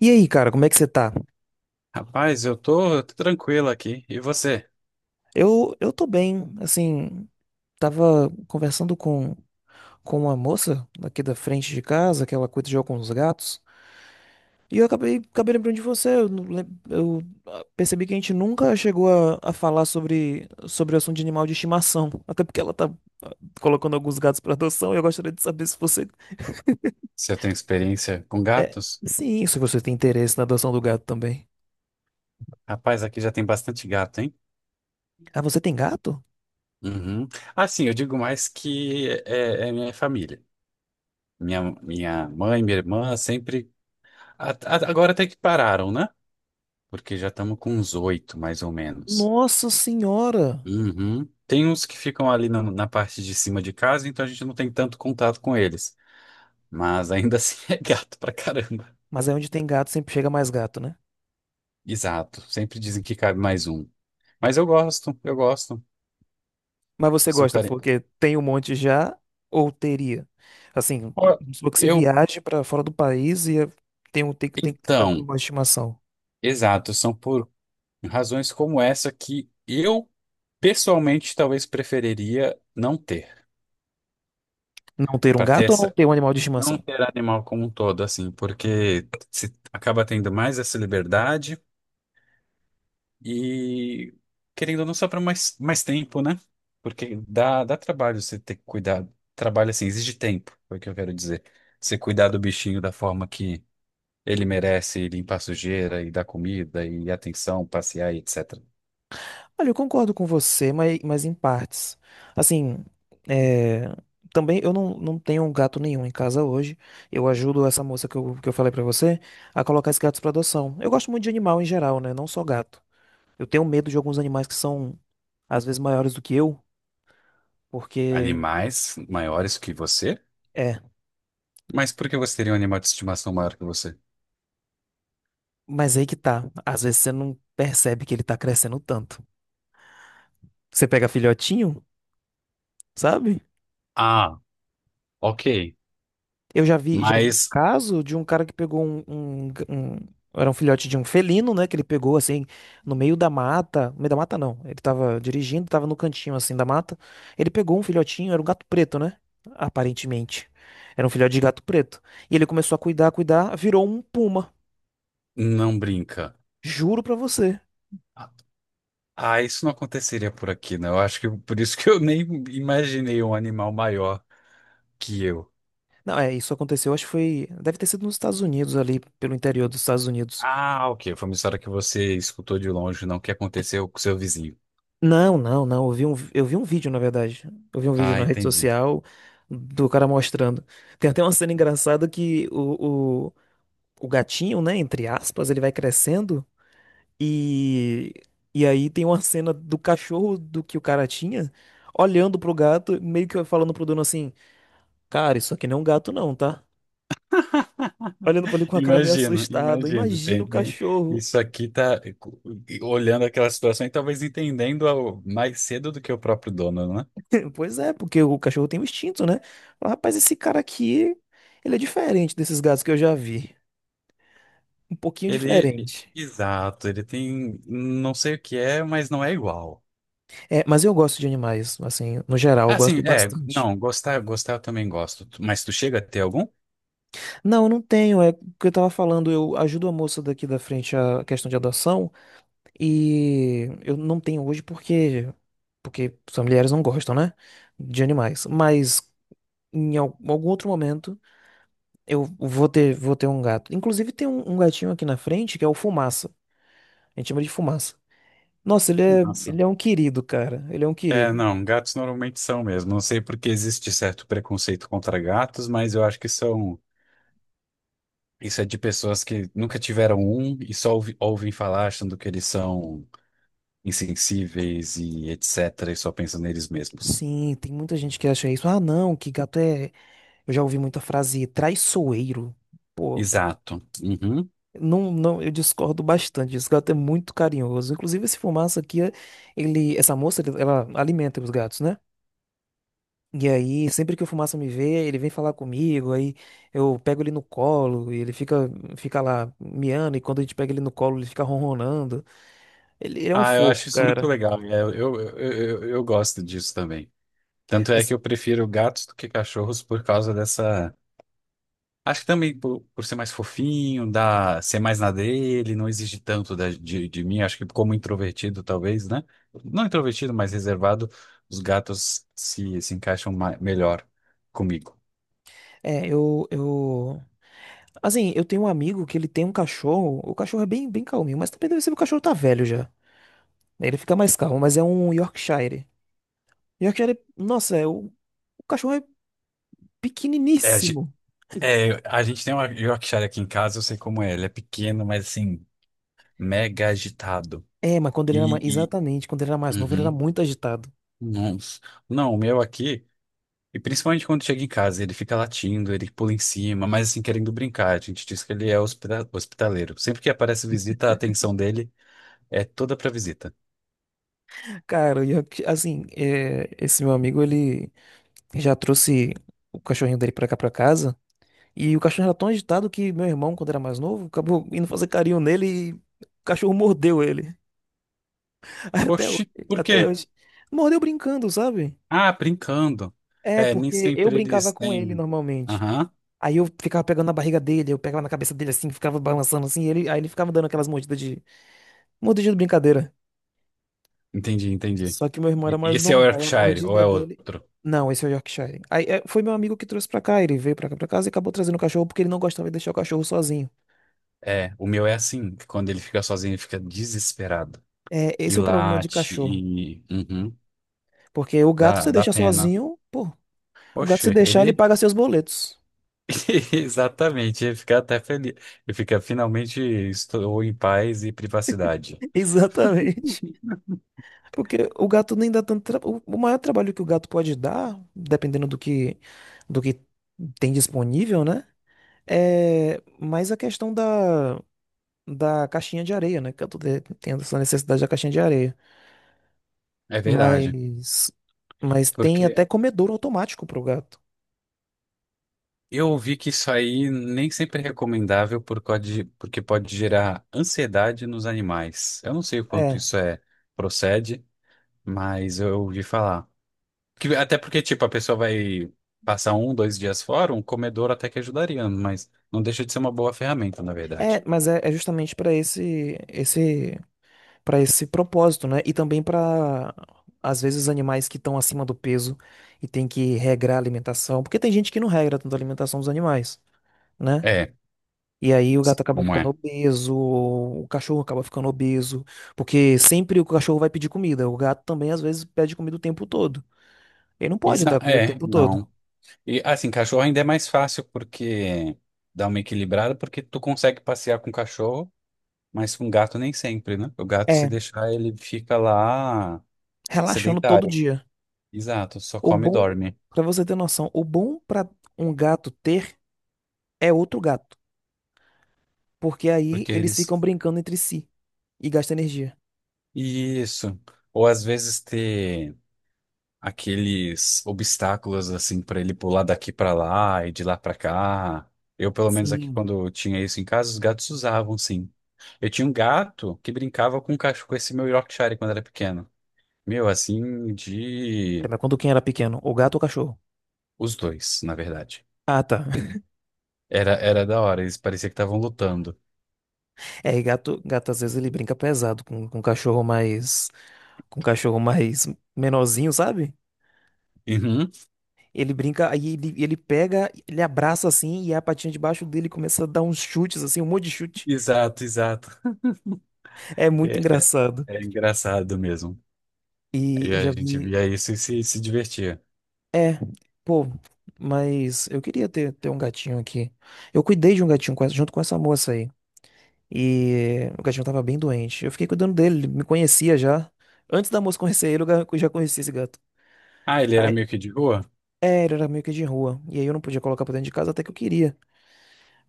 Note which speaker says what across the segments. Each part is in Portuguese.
Speaker 1: E aí, cara, como é que você tá?
Speaker 2: Rapaz, eu tô tranquilo aqui. E você?
Speaker 1: Eu tô bem, assim, tava conversando com uma moça aqui da frente de casa, que ela cuida de alguns gatos, e eu acabei lembrando de você, eu, não lem- eu, ah, percebi que a gente nunca chegou a falar sobre o assunto de animal de estimação, até porque ela tá ah, colocando alguns gatos pra adoção, e eu gostaria de saber se você...
Speaker 2: Se eu tenho experiência com
Speaker 1: É,
Speaker 2: gatos?
Speaker 1: sim, se você tem interesse na adoção do gato também.
Speaker 2: Rapaz, aqui já tem bastante gato, hein?
Speaker 1: Ah, você tem gato?
Speaker 2: Uhum. Ah, sim, eu digo mais que é minha família. Minha mãe, minha irmã sempre. Agora até que pararam, né? Porque já estamos com uns oito, mais ou menos.
Speaker 1: Nossa senhora!
Speaker 2: Uhum. Tem uns que ficam ali na parte de cima de casa, então a gente não tem tanto contato com eles. Mas ainda assim é gato pra caramba.
Speaker 1: Mas aí onde tem gato sempre chega mais gato, né?
Speaker 2: Exato. Sempre dizem que cabe mais um. Mas eu gosto.
Speaker 1: Mas você
Speaker 2: São
Speaker 1: gosta
Speaker 2: care...
Speaker 1: porque tem um monte já ou teria? Assim,
Speaker 2: Ó,
Speaker 1: se você
Speaker 2: Eu,
Speaker 1: viaja para fora do país tem um tem que estar com um
Speaker 2: então,
Speaker 1: animal de estimação.
Speaker 2: exato, são por razões como essa que eu pessoalmente talvez preferiria não ter,
Speaker 1: Não ter um
Speaker 2: para ter
Speaker 1: gato ou não
Speaker 2: essa,
Speaker 1: ter um animal de
Speaker 2: não
Speaker 1: estimação?
Speaker 2: ter animal como um todo, assim, porque se acaba tendo mais essa liberdade e querendo ou não sobra mais tempo, né? Porque dá trabalho você ter que cuidar, trabalho assim, exige tempo, foi o que eu quero dizer. Você cuidar do bichinho da forma que Ele merece limpar sujeira e dar comida e atenção, passear e etc.
Speaker 1: Olha, eu concordo com você, mas em partes. Assim, é, também eu não tenho um gato nenhum em casa hoje. Eu ajudo essa moça que eu falei pra você a colocar esses gatos pra adoção. Eu gosto muito de animal em geral, né? Não só gato. Eu tenho medo de alguns animais que são, às vezes, maiores do que eu, porque.
Speaker 2: Animais maiores que você?
Speaker 1: É.
Speaker 2: Mas por que você teria um animal de estimação maior que você?
Speaker 1: Mas aí que tá. Às vezes você não percebe que ele tá crescendo tanto. Você pega filhotinho, sabe?
Speaker 2: Ah, ok.
Speaker 1: Já vi um
Speaker 2: Mas
Speaker 1: caso de um cara que pegou Era um filhote de um felino, né? Que ele pegou assim, no meio da mata. No meio da mata, não. Ele tava dirigindo, tava no cantinho assim da mata. Ele pegou um filhotinho, era um gato preto, né? Aparentemente. Era um filhote de gato preto. E ele começou a cuidar, virou um puma.
Speaker 2: não brinca.
Speaker 1: Juro pra você.
Speaker 2: Ah, isso não aconteceria por aqui, né? Eu acho que por isso que eu nem imaginei um animal maior que eu.
Speaker 1: Não, é, isso aconteceu, acho que foi. Deve ter sido nos Estados Unidos, ali, pelo interior dos Estados Unidos.
Speaker 2: Ah, ok. Foi uma história que você escutou de longe, não que aconteceu com seu vizinho.
Speaker 1: Não, não, não. Eu vi um vídeo, na verdade. Eu vi um vídeo
Speaker 2: Ah,
Speaker 1: na rede
Speaker 2: entendi.
Speaker 1: social do cara mostrando. Tem até uma cena engraçada que o gatinho, né, entre aspas, ele vai crescendo e, e aí tem uma cena do cachorro do que o cara tinha olhando pro gato, meio que falando pro dono assim: Cara, isso aqui não é um gato, não, tá? Olhando pra ele com a cara meio
Speaker 2: Imagino,
Speaker 1: assustada.
Speaker 2: imagino.
Speaker 1: Imagina
Speaker 2: Tem,
Speaker 1: o
Speaker 2: tem-
Speaker 1: cachorro.
Speaker 2: Isso aqui tá olhando aquela situação e talvez entendendo ao- mais cedo do que o próprio dono, né?
Speaker 1: Pois é, porque o cachorro tem um instinto, né? Fala, rapaz, esse cara aqui, ele é diferente desses gatos que eu já vi. Um pouquinho
Speaker 2: Ele,
Speaker 1: diferente.
Speaker 2: exato, ele tem, não sei o que é, mas não é igual.
Speaker 1: É, mas eu gosto de animais, assim, no geral, eu
Speaker 2: Assim,
Speaker 1: gosto
Speaker 2: é,
Speaker 1: bastante.
Speaker 2: não, gostar eu também gosto. Tu- Mas tu chega a ter algum?
Speaker 1: Não, eu não tenho, é o que eu tava falando, eu ajudo a moça daqui da frente a questão de adoção e eu não tenho hoje porque as mulheres não gostam, né, de animais. Mas em algum outro momento eu vou ter um gato. Inclusive tem um gatinho aqui na frente que é o Fumaça. A gente chama de Fumaça. Nossa,
Speaker 2: Nossa.
Speaker 1: ele é um querido, cara. Ele é um
Speaker 2: É,
Speaker 1: querido.
Speaker 2: não, gatos normalmente são mesmo. Não sei porque existe certo preconceito contra gatos, mas eu acho que são, isso é de pessoas que nunca tiveram um e só ouvem falar achando que eles são insensíveis e etc. e só pensam neles mesmos.
Speaker 1: Sim, tem muita gente que acha isso. Ah, não, que gato é. Eu já ouvi muita frase traiçoeiro. Pô,
Speaker 2: Exato. Uhum.
Speaker 1: não, eu discordo bastante disso. Gato é muito carinhoso. Inclusive, esse Fumaça aqui, ele, essa moça, ela alimenta os gatos, né? E aí, sempre que o Fumaça me vê, ele vem falar comigo. Aí eu pego ele no colo e ele fica lá miando. E quando a gente pega ele no colo, ele fica ronronando. Ele é um
Speaker 2: Ah, eu
Speaker 1: fofo,
Speaker 2: acho isso muito
Speaker 1: cara.
Speaker 2: legal. É, eu gosto disso também. Tanto é que
Speaker 1: Mas
Speaker 2: eu prefiro gatos do que cachorros por causa dessa. Acho que também por ser mais fofinho, dá, ser mais na dele, não exige tanto de mim. Acho que como introvertido, talvez, né? Não introvertido, mas reservado, os gatos se encaixam melhor comigo.
Speaker 1: é, eu assim, eu tenho um amigo que ele tem um cachorro. O cachorro é bem calminho, mas também deve ser que o cachorro tá velho já. Ele fica mais calmo, mas é um Yorkshire. Yorkshire, nossa, é o cachorro é
Speaker 2: É,
Speaker 1: pequeniníssimo.
Speaker 2: É, a gente tem uma Yorkshire aqui em casa, eu sei como é. Ele é pequeno, mas assim, mega agitado.
Speaker 1: É, mas quando ele era
Speaker 2: E,
Speaker 1: mais,
Speaker 2: e-
Speaker 1: exatamente, quando ele era mais novo, ele era
Speaker 2: uhum,
Speaker 1: muito agitado.
Speaker 2: nossa. Não, o meu aqui, e principalmente quando chega em casa, ele fica latindo, ele pula em cima, mas assim, querendo brincar. A gente diz que ele é hospitaleiro. Sempre que aparece visita, a atenção dele é toda pra visita.
Speaker 1: Cara, assim, é, esse meu amigo, ele já trouxe o cachorrinho dele pra cá pra casa. E o cachorro era tão agitado que meu irmão, quando era mais novo, acabou indo fazer carinho nele e o cachorro mordeu ele. Até hoje,
Speaker 2: Oxi, por
Speaker 1: até
Speaker 2: quê?
Speaker 1: hoje. Mordeu brincando, sabe?
Speaker 2: Ah, brincando.
Speaker 1: É,
Speaker 2: É, nem
Speaker 1: porque eu
Speaker 2: sempre
Speaker 1: brincava
Speaker 2: eles
Speaker 1: com ele
Speaker 2: têm.
Speaker 1: normalmente.
Speaker 2: Aham,
Speaker 1: Aí eu ficava pegando na barriga dele, eu pegava na cabeça dele assim, ficava balançando assim, e ele, aí ele ficava dando aquelas mordida de brincadeira.
Speaker 2: entendi.
Speaker 1: Só que meu irmão era
Speaker 2: E-
Speaker 1: mais
Speaker 2: Esse é o
Speaker 1: novo, aí a
Speaker 2: Yorkshire, ou
Speaker 1: mordida
Speaker 2: é
Speaker 1: dele.
Speaker 2: outro?
Speaker 1: Não, esse é o Yorkshire. Aí é, foi meu amigo que trouxe pra cá, ele veio pra cá pra casa e acabou trazendo o cachorro porque ele não gostava de deixar o cachorro sozinho.
Speaker 2: É, o meu é assim, que quando ele fica sozinho, ele fica desesperado.
Speaker 1: É,
Speaker 2: E
Speaker 1: esse é o problema de
Speaker 2: late,
Speaker 1: cachorro.
Speaker 2: e. Uhum,
Speaker 1: Porque o gato
Speaker 2: dá,
Speaker 1: você
Speaker 2: dá
Speaker 1: deixa
Speaker 2: pena.
Speaker 1: sozinho, pô, o gato se
Speaker 2: Oxe,
Speaker 1: deixar, ele
Speaker 2: ele.
Speaker 1: paga seus boletos.
Speaker 2: Exatamente, ele fica até feliz. Ele fica, finalmente, estou em paz e privacidade.
Speaker 1: Exatamente. Porque o gato nem dá tanto. O maior trabalho que o gato pode dar, dependendo do que tem disponível, né? É mais a questão da caixinha de areia, né? Que eu tendo essa necessidade da caixinha de areia.
Speaker 2: É verdade,
Speaker 1: Mas, mas tem
Speaker 2: porque
Speaker 1: até comedouro automático pro gato.
Speaker 2: eu ouvi que isso aí nem sempre é recomendável por causa de- porque pode gerar ansiedade nos animais. Eu não sei o quanto
Speaker 1: É,
Speaker 2: isso é procede, mas eu ouvi falar. Que, até porque, tipo, a pessoa vai passar um, dois dias fora, um comedor até que ajudaria, mas não deixa de ser uma boa ferramenta, na verdade.
Speaker 1: é justamente para esse, esse para esse propósito, né? E também para, às vezes, animais que estão acima do peso e tem que regrar a alimentação, porque tem gente que não regra tanto a alimentação dos animais, né?
Speaker 2: É,
Speaker 1: E aí o gato acaba
Speaker 2: como
Speaker 1: ficando
Speaker 2: é?
Speaker 1: obeso, o cachorro acaba ficando obeso, porque sempre o cachorro vai pedir comida, o gato também às vezes pede comida o tempo todo. Ele não pode
Speaker 2: Isa,
Speaker 1: dar comida o
Speaker 2: é,
Speaker 1: tempo todo.
Speaker 2: não. E assim, cachorro ainda é mais fácil porque dá uma equilibrada, porque tu consegue passear com cachorro, mas com gato nem sempre, né? O gato, se
Speaker 1: É,
Speaker 2: deixar, ele fica lá
Speaker 1: relaxando todo
Speaker 2: sedentário.
Speaker 1: dia.
Speaker 2: Exato, só
Speaker 1: O
Speaker 2: come e
Speaker 1: bom,
Speaker 2: dorme.
Speaker 1: para você ter noção, o bom para um gato ter é outro gato. Porque aí
Speaker 2: Porque
Speaker 1: eles
Speaker 2: eles.
Speaker 1: ficam brincando entre si e gastam energia.
Speaker 2: Isso. Ou às vezes ter. Aqueles obstáculos assim para ele pular daqui para lá e de lá para cá. Eu, pelo menos aqui
Speaker 1: Sim.
Speaker 2: quando eu tinha isso em casa, os gatos usavam, sim. Eu tinha um gato que brincava com um cachorro, com esse meu Yorkshire quando era pequeno. Meu, assim,
Speaker 1: Pera,
Speaker 2: de
Speaker 1: mas quando quem era pequeno? O gato ou o cachorro?
Speaker 2: os dois, na verdade.
Speaker 1: Ah, tá.
Speaker 2: Era da hora, eles parecia que estavam lutando.
Speaker 1: É, e gato às vezes ele brinca pesado com cachorro mais. Com cachorro mais menorzinho, sabe?
Speaker 2: Uhum.
Speaker 1: Ele brinca, aí ele pega, ele abraça assim e a patinha debaixo dele começa a dar uns chutes, assim, um monte de chute.
Speaker 2: Exato.
Speaker 1: É muito
Speaker 2: É,
Speaker 1: engraçado.
Speaker 2: é engraçado mesmo.
Speaker 1: E
Speaker 2: E
Speaker 1: eu
Speaker 2: a
Speaker 1: já
Speaker 2: gente
Speaker 1: vi.
Speaker 2: via isso e se divertia.
Speaker 1: É, pô, mas eu queria ter um gatinho aqui. Eu cuidei de um gatinho junto com essa moça aí. E o gatinho tava bem doente. Eu fiquei cuidando dele, ele me conhecia já. Antes da moça conhecer ele, eu já conhecia esse gato.
Speaker 2: Ah, ele era
Speaker 1: Aí,
Speaker 2: meio que de rua?
Speaker 1: é, ele era meio que de rua. E aí eu não podia colocar pra dentro de casa até que eu queria.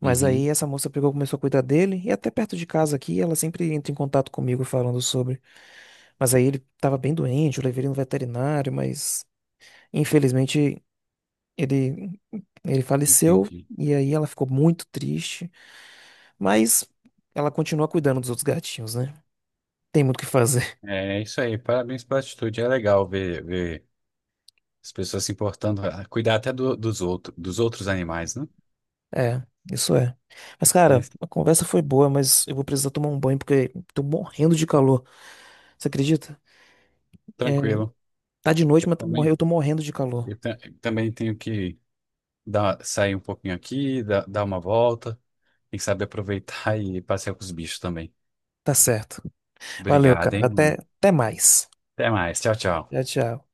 Speaker 1: Mas aí
Speaker 2: Uhum,
Speaker 1: essa moça pegou, e começou a cuidar dele. E até perto de casa aqui, ela sempre entra em contato comigo falando sobre. Mas aí ele tava bem doente, eu levei ele no veterinário, mas infelizmente ele, ele faleceu.
Speaker 2: entendi.
Speaker 1: E aí ela ficou muito triste. Mas ela continua cuidando dos outros gatinhos, né? Tem muito o que fazer.
Speaker 2: É isso aí, parabéns pela atitude. É legal ver as pessoas se importando, ah, cuidar até dos outros animais, né?
Speaker 1: É, isso é. Mas,
Speaker 2: É
Speaker 1: cara, a conversa foi boa, mas eu vou precisar tomar um banho porque tô morrendo de calor. Você acredita? É,
Speaker 2: tranquilo.
Speaker 1: tá de
Speaker 2: Eu
Speaker 1: noite, mas
Speaker 2: também,
Speaker 1: eu tô morrendo de calor.
Speaker 2: também tenho que dar, sair um pouquinho aqui, dar uma volta, tem que saber aproveitar e passear com os bichos também.
Speaker 1: Tá certo. Valeu,
Speaker 2: Obrigado,
Speaker 1: cara.
Speaker 2: hein, mano.
Speaker 1: Até, até mais.
Speaker 2: Até mais. Tchau, tchau.
Speaker 1: Tchau, tchau.